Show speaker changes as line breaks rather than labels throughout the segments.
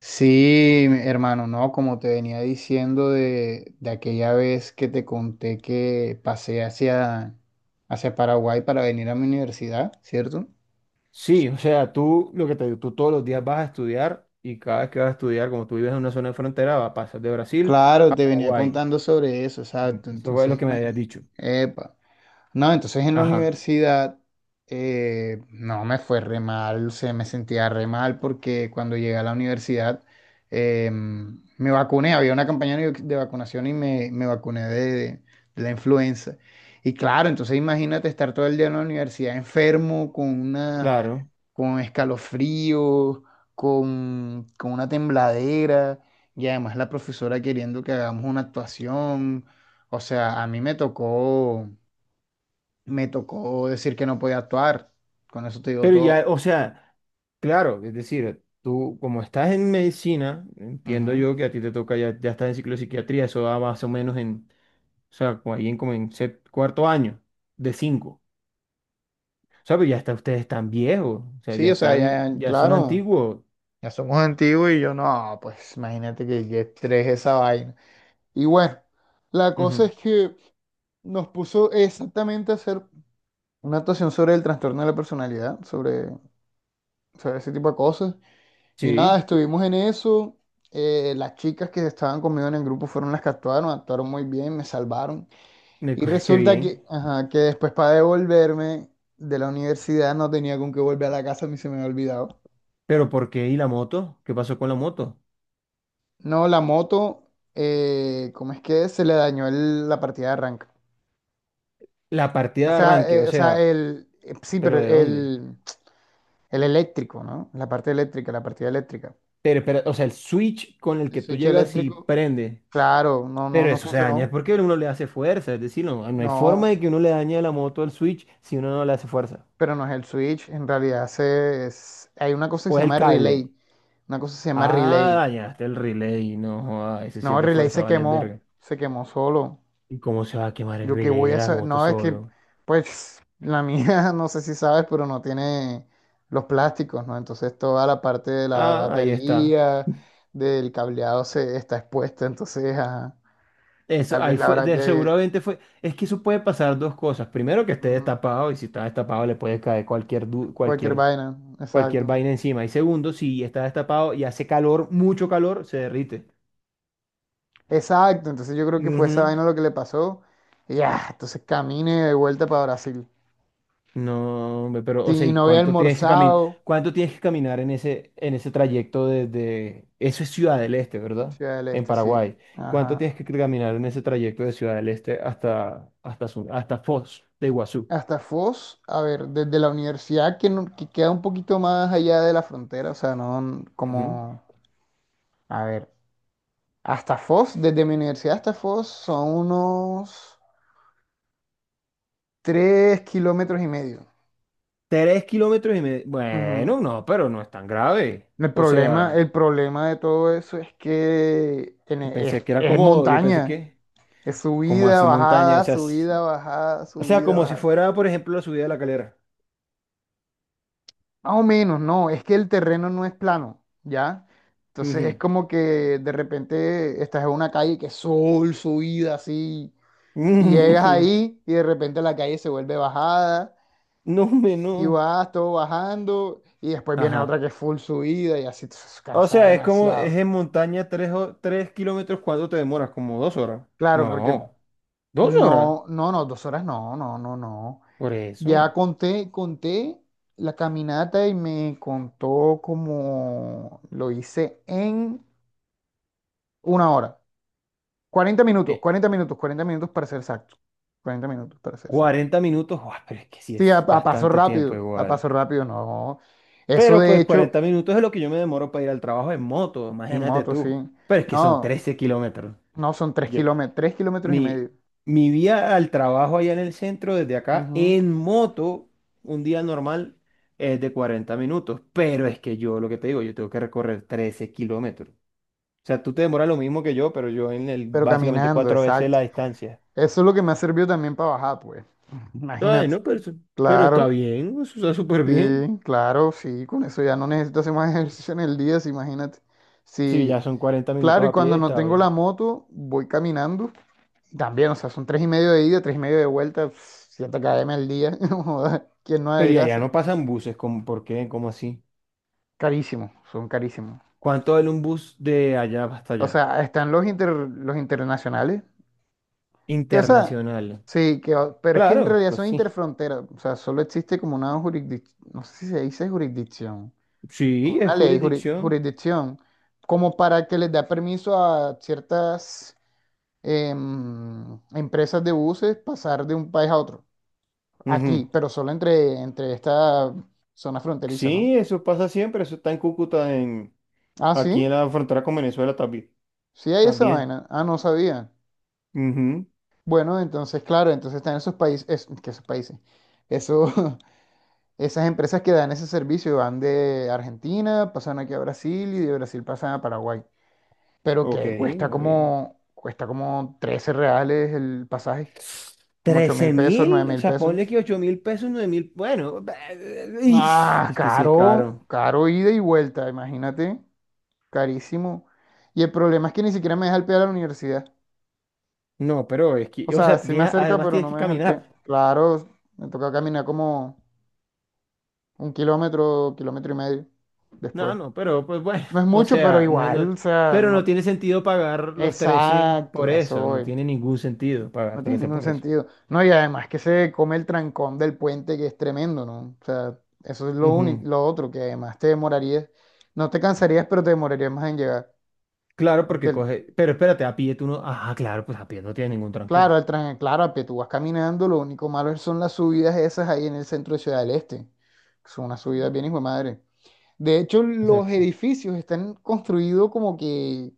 Sí, hermano, no, como te venía diciendo de aquella vez que te conté que pasé hacia Paraguay para venir a mi universidad, ¿cierto?
Sí, o sea, tú lo que te digo, tú todos los días vas a estudiar y cada vez que vas a estudiar, como tú vives en una zona de frontera, vas a pasar de Brasil
Claro,
a
te venía
Paraguay.
contando sobre eso, exacto.
Eso fue
Entonces,
lo que me habías
imagínate.
dicho.
No, entonces en la
Ajá,
universidad no me fue re mal, se me sentía re mal porque cuando llegué a la universidad me vacuné, había una campaña de vacunación y me vacuné de la influenza. Y claro, entonces imagínate estar todo el día en la universidad enfermo,
claro.
con escalofrío, con una tembladera y además la profesora queriendo que hagamos una actuación. O sea, a mí me tocó decir que no podía actuar. Con eso te digo
Pero
todo.
ya, o sea, claro, es decir, tú como estás en medicina, entiendo
Ujú.
yo que a ti te toca, ya estás en ciclo de psiquiatría, eso va más o menos en, o sea, como ahí en como en cuarto año de cinco. O sea, pero ya está, ustedes están viejos, o sea, ya
Sí, o sea,
están,
ya, ya,
ya son
claro,
antiguos.
ya somos antiguos y yo no, pues imagínate que estrés esa vaina. Y bueno, la cosa
Ujú,
es que nos puso exactamente a hacer una actuación sobre el trastorno de la personalidad, sobre ese tipo de cosas. Y nada,
sí,
estuvimos en eso. Las chicas que estaban conmigo en el grupo fueron las que actuaron muy bien, me salvaron. Y
qué
resulta
bien.
que, ajá, que después para devolverme de la universidad no tenía con qué volver a la casa, a mí se me había olvidado.
Pero ¿por qué? ¿Y la moto? ¿Qué pasó con la moto?
No, la moto, ¿cómo es que es? Se le dañó la partida de arranque.
La partida de arranque, o
O sea,
sea,
sí, pero
¿pero de dónde?
el eléctrico, ¿no? La parte eléctrica, la partida eléctrica.
Pero, o sea, el switch con el
El
que tú
switch
llegas y
eléctrico,
prende.
claro, no, no,
Pero
no
eso se daña, es
funcionó.
porque uno le hace fuerza, es decir, no hay forma
No,
de que uno le dañe a la moto el switch si uno no le hace fuerza.
pero no es el switch, en realidad hay una cosa que
O
se
es el
llama
cable. Ah,
relay.
dañaste el relay, no, joda, ese sí
No,
es
el
de
relay
fuerza, vale, verga.
se quemó solo.
¿Y cómo se va a quemar el
Yo qué
relay
voy
de
a
la
hacer,
moto
no, es que,
solo?
pues, la mía, no sé si sabes, pero no tiene los plásticos, ¿no? Entonces toda la parte de la
Ah, ahí está.
batería, del cableado se está expuesta, entonces, ajá,
Eso,
tal vez
ahí
la
fue,
habrá que...
seguramente fue, es que eso puede pasar dos cosas. Primero, que esté
ujú,
destapado y si está destapado le puede caer cualquier, du-
cualquier
cualquier,
vaina,
cualquier
exacto.
vaina encima. Y segundo, si está destapado y hace calor, mucho calor, se derrite.
Exacto, entonces yo creo que fue esa
Ujú.
vaina lo que le pasó. Y ya, entonces camine de vuelta para Brasil.
No, hombre, pero,
Sí,
o sea,
y
¿y
no había
cuánto tienes que caminar?
almorzado.
¿Cuánto tienes que caminar en ese trayecto Eso es Ciudad del Este, ¿verdad?
Ciudad del
En
Este, sí.
Paraguay. ¿Cuánto
Ajá.
tienes que caminar en ese trayecto de Ciudad del Este hasta Foz de Iguazú?
Hasta Foz, a ver, desde la universidad que, que queda un poquito más allá de la frontera, o sea, no n-
Ujú.
como, a ver, hasta Foz, desde mi universidad hasta Foz son unos 3,5 km.
3,5 kilómetros.
Ujú.
Bueno, no, pero no es tan grave.
El
O
problema,
sea,
el problema de todo eso es que en e- es, es
yo pensé
montaña,
que,
es
como
subida,
así montaña, o
bajada,
sea,
subida, bajada,
o sea,
subida,
como si
bajada.
fuera, por ejemplo, la subida de la Calera.
Más o menos, no, es que el terreno no es plano, ¿ya? Entonces es
Ujú.
como que de repente estás en una calle que es subida, así, y llegas
Ujú.
ahí y de repente la calle se vuelve bajada
No, me
y
no.
vas todo bajando y después viene otra
Ajá.
que es full subida y así, entonces
O
cansa
sea, es como, es
demasiado.
en montaña tres kilómetros, ¿cuánto te demoras? ¿Como 2 horas?
Claro, porque
No, 2 horas.
no, no, no, dos horas no, no, no, no.
Por
Ya
eso.
conté la caminata y me contó como lo hice en una hora. 40 minutos,
Eh,
40 minutos, 40 minutos para ser exacto. 40 minutos para ser exacto.
40 minutos, guau, pero es que sí
Sí, a,
es
a paso
bastante tiempo
rápido,
igual.
no. Eso
Pero
de
pues
hecho,
40 minutos es lo que yo me demoro para ir al trabajo en moto,
en
imagínate
moto, sí.
tú. Pero es que son
No,
13 kilómetros.
no son 3
Yo-
kilómetros, 3 kilómetros y
mi,
medio.
mi vía al trabajo allá en el centro, desde acá,
Ujú.
en moto, un día normal es de 40 minutos. Pero es que yo, lo que te digo, yo tengo que recorrer 13 kilómetros. O sea, tú te demoras lo mismo que yo, pero yo
Pero
básicamente
caminando,
cuatro veces
exacto.
la distancia.
Eso es lo que me ha servido también para bajar, pues.
Ay,
Imagínate.
no, pero, pero está
Claro,
bien, eso está súper bien.
sí, claro, sí. Con eso ya no necesito hacer más ejercicio en el día, sí, imagínate.
Sí, ya
Sí,
son 40 minutos
claro, y
a pie,
cuando no
está
tengo la
bien.
moto, voy caminando. También, o sea, son tres y medio de ida, tres y medio de vuelta, pf, 7 km al día. Joda, ¿quién no
Pero y allá
adelgaza?
no pasan buses, ¿cómo, por qué? ¿Cómo así?
Carísimo, son carísimos.
¿Cuánto vale un bus de allá hasta
O
allá?
sea, están los, los internacionales, que, o sea,
Internacional.
sí, que, pero es que en
Claro,
realidad
pues
son
sí.
interfronteras. O sea, solo existe como una jurisdicción, no sé si se dice jurisdicción,
Sí,
como
es
una ley,
jurisdicción.
jurisdicción, como para que les da permiso a ciertas empresas de buses pasar de un país a otro.
Ujú.
Aquí, pero solo entre esta zona fronteriza, ¿no?
Sí, eso pasa siempre, eso está en Cúcuta,
Ah,
aquí
sí,
en la frontera con Venezuela también.
sí hay esa
También.
vaina. Ah, no sabía.
Ujú.
Bueno, entonces, claro, entonces están esos países, es, que esos países, eso, esas empresas que dan ese servicio van de Argentina, pasan aquí a Brasil y de Brasil pasan a Paraguay. Pero
Ok,
que cuesta
muy bien.
como, cuesta como 13 reales el pasaje, como ocho mil
Trece
pesos, nueve
mil, o
mil
sea,
pesos.
ponle que 8.000 pesos, 9.000, bueno,
Ah,
es que sí es
caro,
caro.
caro ida y vuelta, imagínate. Carísimo. Y el problema es que ni siquiera me deja el pie a la universidad.
No, pero es
O
que, o
sea,
sea,
sí me acerca,
además
pero
tienes
no
que
me deja el pie.
caminar.
Claro, me toca caminar como un kilómetro, kilómetro y medio
No,
después.
no, pero pues bueno,
No es
o
mucho, pero
sea,
igual, o sea,
pero no
no.
tiene sentido pagar los 13 por
Exacto, a eso
eso, no
voy.
tiene ningún sentido
No
pagar
tiene
13
ningún
por eso.
sentido. No, y además que se come el trancón del puente, que es tremendo, ¿no? O sea, eso es lo único,
Ujú.
lo otro, que además te demorarías, no te cansarías, pero te demorarías más en llegar.
Claro,
Porque
porque
el-
coge, pero espérate, a pie tú no, ah, claro, pues a pie no tiene ningún trancón.
Claro, el tren, claro, que tú vas caminando, lo único malo son las subidas esas ahí en el centro de Ciudad del Este. Que son unas subidas bien hijo de madre. De hecho, los
Exacto.
edificios están construidos como que,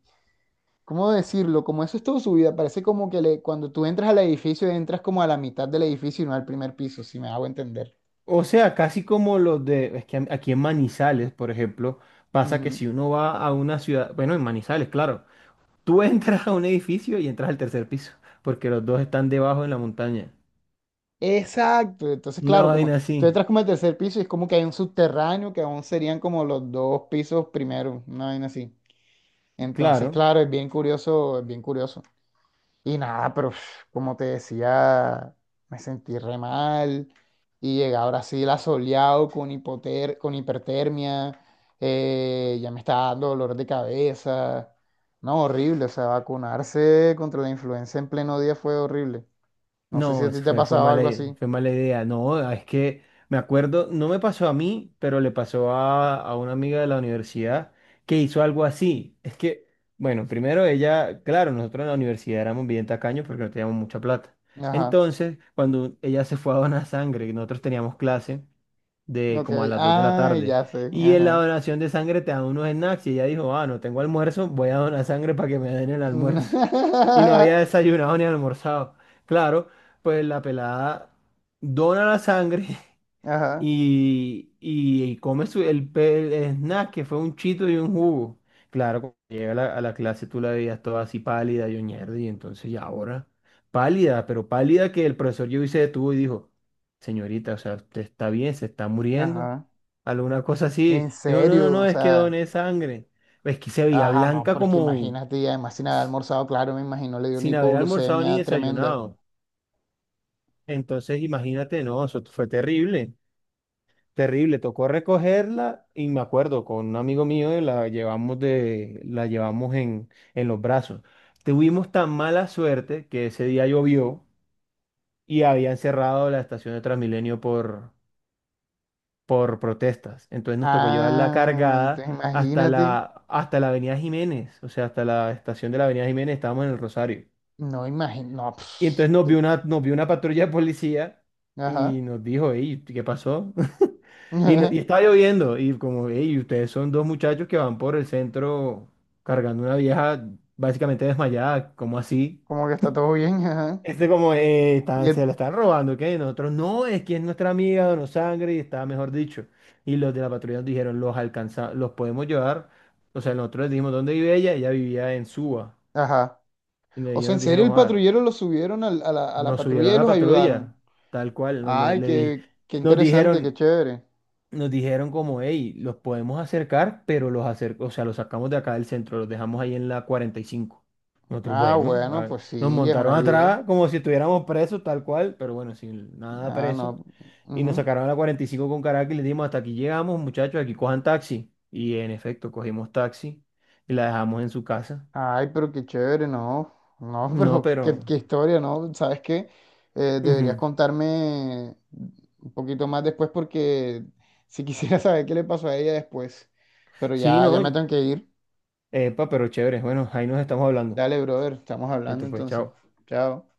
¿cómo decirlo? Como eso es todo subida. Parece como que cuando tú entras al edificio, entras como a la mitad del edificio y no al primer piso, si me hago entender.
O sea, casi como es que aquí en Manizales, por ejemplo, pasa que
Ujú.
si uno va a una ciudad, bueno, en Manizales, claro, tú entras a un edificio y entras al tercer piso, porque los dos están debajo en la montaña.
Exacto. Entonces,
Una
claro, como
vaina
tú
así,
entras como al tercer piso y es como que hay un subterráneo que aún serían como los dos pisos primero, una vaina así. Entonces,
claro.
claro, es bien curioso, es bien curioso. Y nada, pero pf, como te decía, me sentí re mal y llegué a Brasil asoleado con con hipertermia, ya me estaba dando dolor de cabeza. No, horrible, o sea, vacunarse contra la influenza en pleno día fue horrible. No sé si
No,
a ti
eso
te ha
fue, fue
pasado
mala,
algo
i-
así.
fue mala idea. No, ah, es que me acuerdo, no me pasó a mí, pero le pasó a una amiga de la universidad que hizo algo así. Es que, bueno, primero ella, claro, nosotros en la universidad éramos bien tacaños porque no teníamos mucha plata.
Ajá,
Entonces, cuando ella se fue a donar sangre y nosotros teníamos clase, de
ok,
como a las 2 de la
ay,
tarde.
ya sé,
Y en la
ajá.
donación de sangre te dan unos snacks y ella dijo, ah, no tengo almuerzo, voy a donar sangre para que me den el almuerzo. Y no había desayunado ni almorzado. Claro, pues la pelada dona la sangre
Ajá,
y come el snack que fue un chito y un jugo. Claro, cuando llega a la clase tú la veías toda así pálida y ñerde, y entonces ya ahora, pálida, pero pálida que el profesor llegó y se detuvo y dijo, señorita, o sea, usted está bien, se está muriendo,
ajá.
alguna cosa así.
En
Dijo, no, no,
serio,
no,
o
es que
sea.
doné sangre. Es que se veía
Ah, no,
blanca
pero es que
como
imagínate, y además sin haber almorzado, claro, me imagino, le dio una
sin haber almorzado ni
hipoglucemia tremenda.
desayunado. Entonces, imagínate, no, eso fue terrible. Terrible, tocó recogerla y me acuerdo, con un amigo mío y la llevamos en los brazos. Tuvimos tan mala suerte que ese día llovió y habían cerrado la estación de Transmilenio por protestas. Entonces nos tocó llevarla
Ah,
cargada
entonces
hasta
imagínate.
la, hasta la Avenida Jiménez, o sea, hasta la estación de la Avenida Jiménez, estábamos en el Rosario.
No, imagino, no,
Y
pss,
entonces nos vio una, nos vio una patrulla de policía y
ajá,
nos dijo, hey, ¿qué pasó? Y, no- y
ajá,
estaba lloviendo y como, hey, ustedes son dos muchachos que van por el centro cargando una vieja básicamente desmayada, ¿cómo así?
como que está todo bien, ajá.
Este como,
Y
se
el,
la están robando, ¿qué? Y nosotros, no, es que es nuestra amiga, donó sangre y está, mejor dicho. Y los de la patrulla nos dijeron, los alcanza, los podemos llevar. O sea, nosotros les dijimos dónde vive ella, ella vivía en Suba.
ajá.
Y
O
ellos
sea, en
nos
serio,
dijeron,
el
ah,
patrullero lo subieron a la
nos subieron
patrulla
a
y
la
los ayudaron.
patrulla, tal cual, nos, le,
Ay,
le di-
qué
nos
interesante, qué
dijeron,
chévere.
nos dijeron como, hey, los podemos acercar, pero o sea, los sacamos de acá del centro, los dejamos ahí en la 45. Nosotros,
Ah,
bueno,
bueno, pues
nos
sí, es una
montaron
ayuda.
atrás como si estuviéramos presos, tal cual, pero bueno, sin nada
Ah,
preso.
no.
Y nos
Ujú.
sacaron a la 45 con Caracas y les dimos, hasta aquí llegamos, muchachos, aquí cojan taxi. Y en efecto, cogimos taxi y la dejamos en su casa.
Ay, pero qué chévere, ¿no? No,
No,
pero qué,
pero.
qué historia, ¿no? ¿Sabes qué? Deberías
Ujú.
contarme un poquito más después porque si quisiera saber qué le pasó a ella después. Pero
Sí,
ya, ya me
no.
tengo que ir.
Epa, pero chévere. Bueno, ahí nos estamos hablando.
Dale, brother, estamos hablando
Listo, pues,
entonces.
chao.
Chao.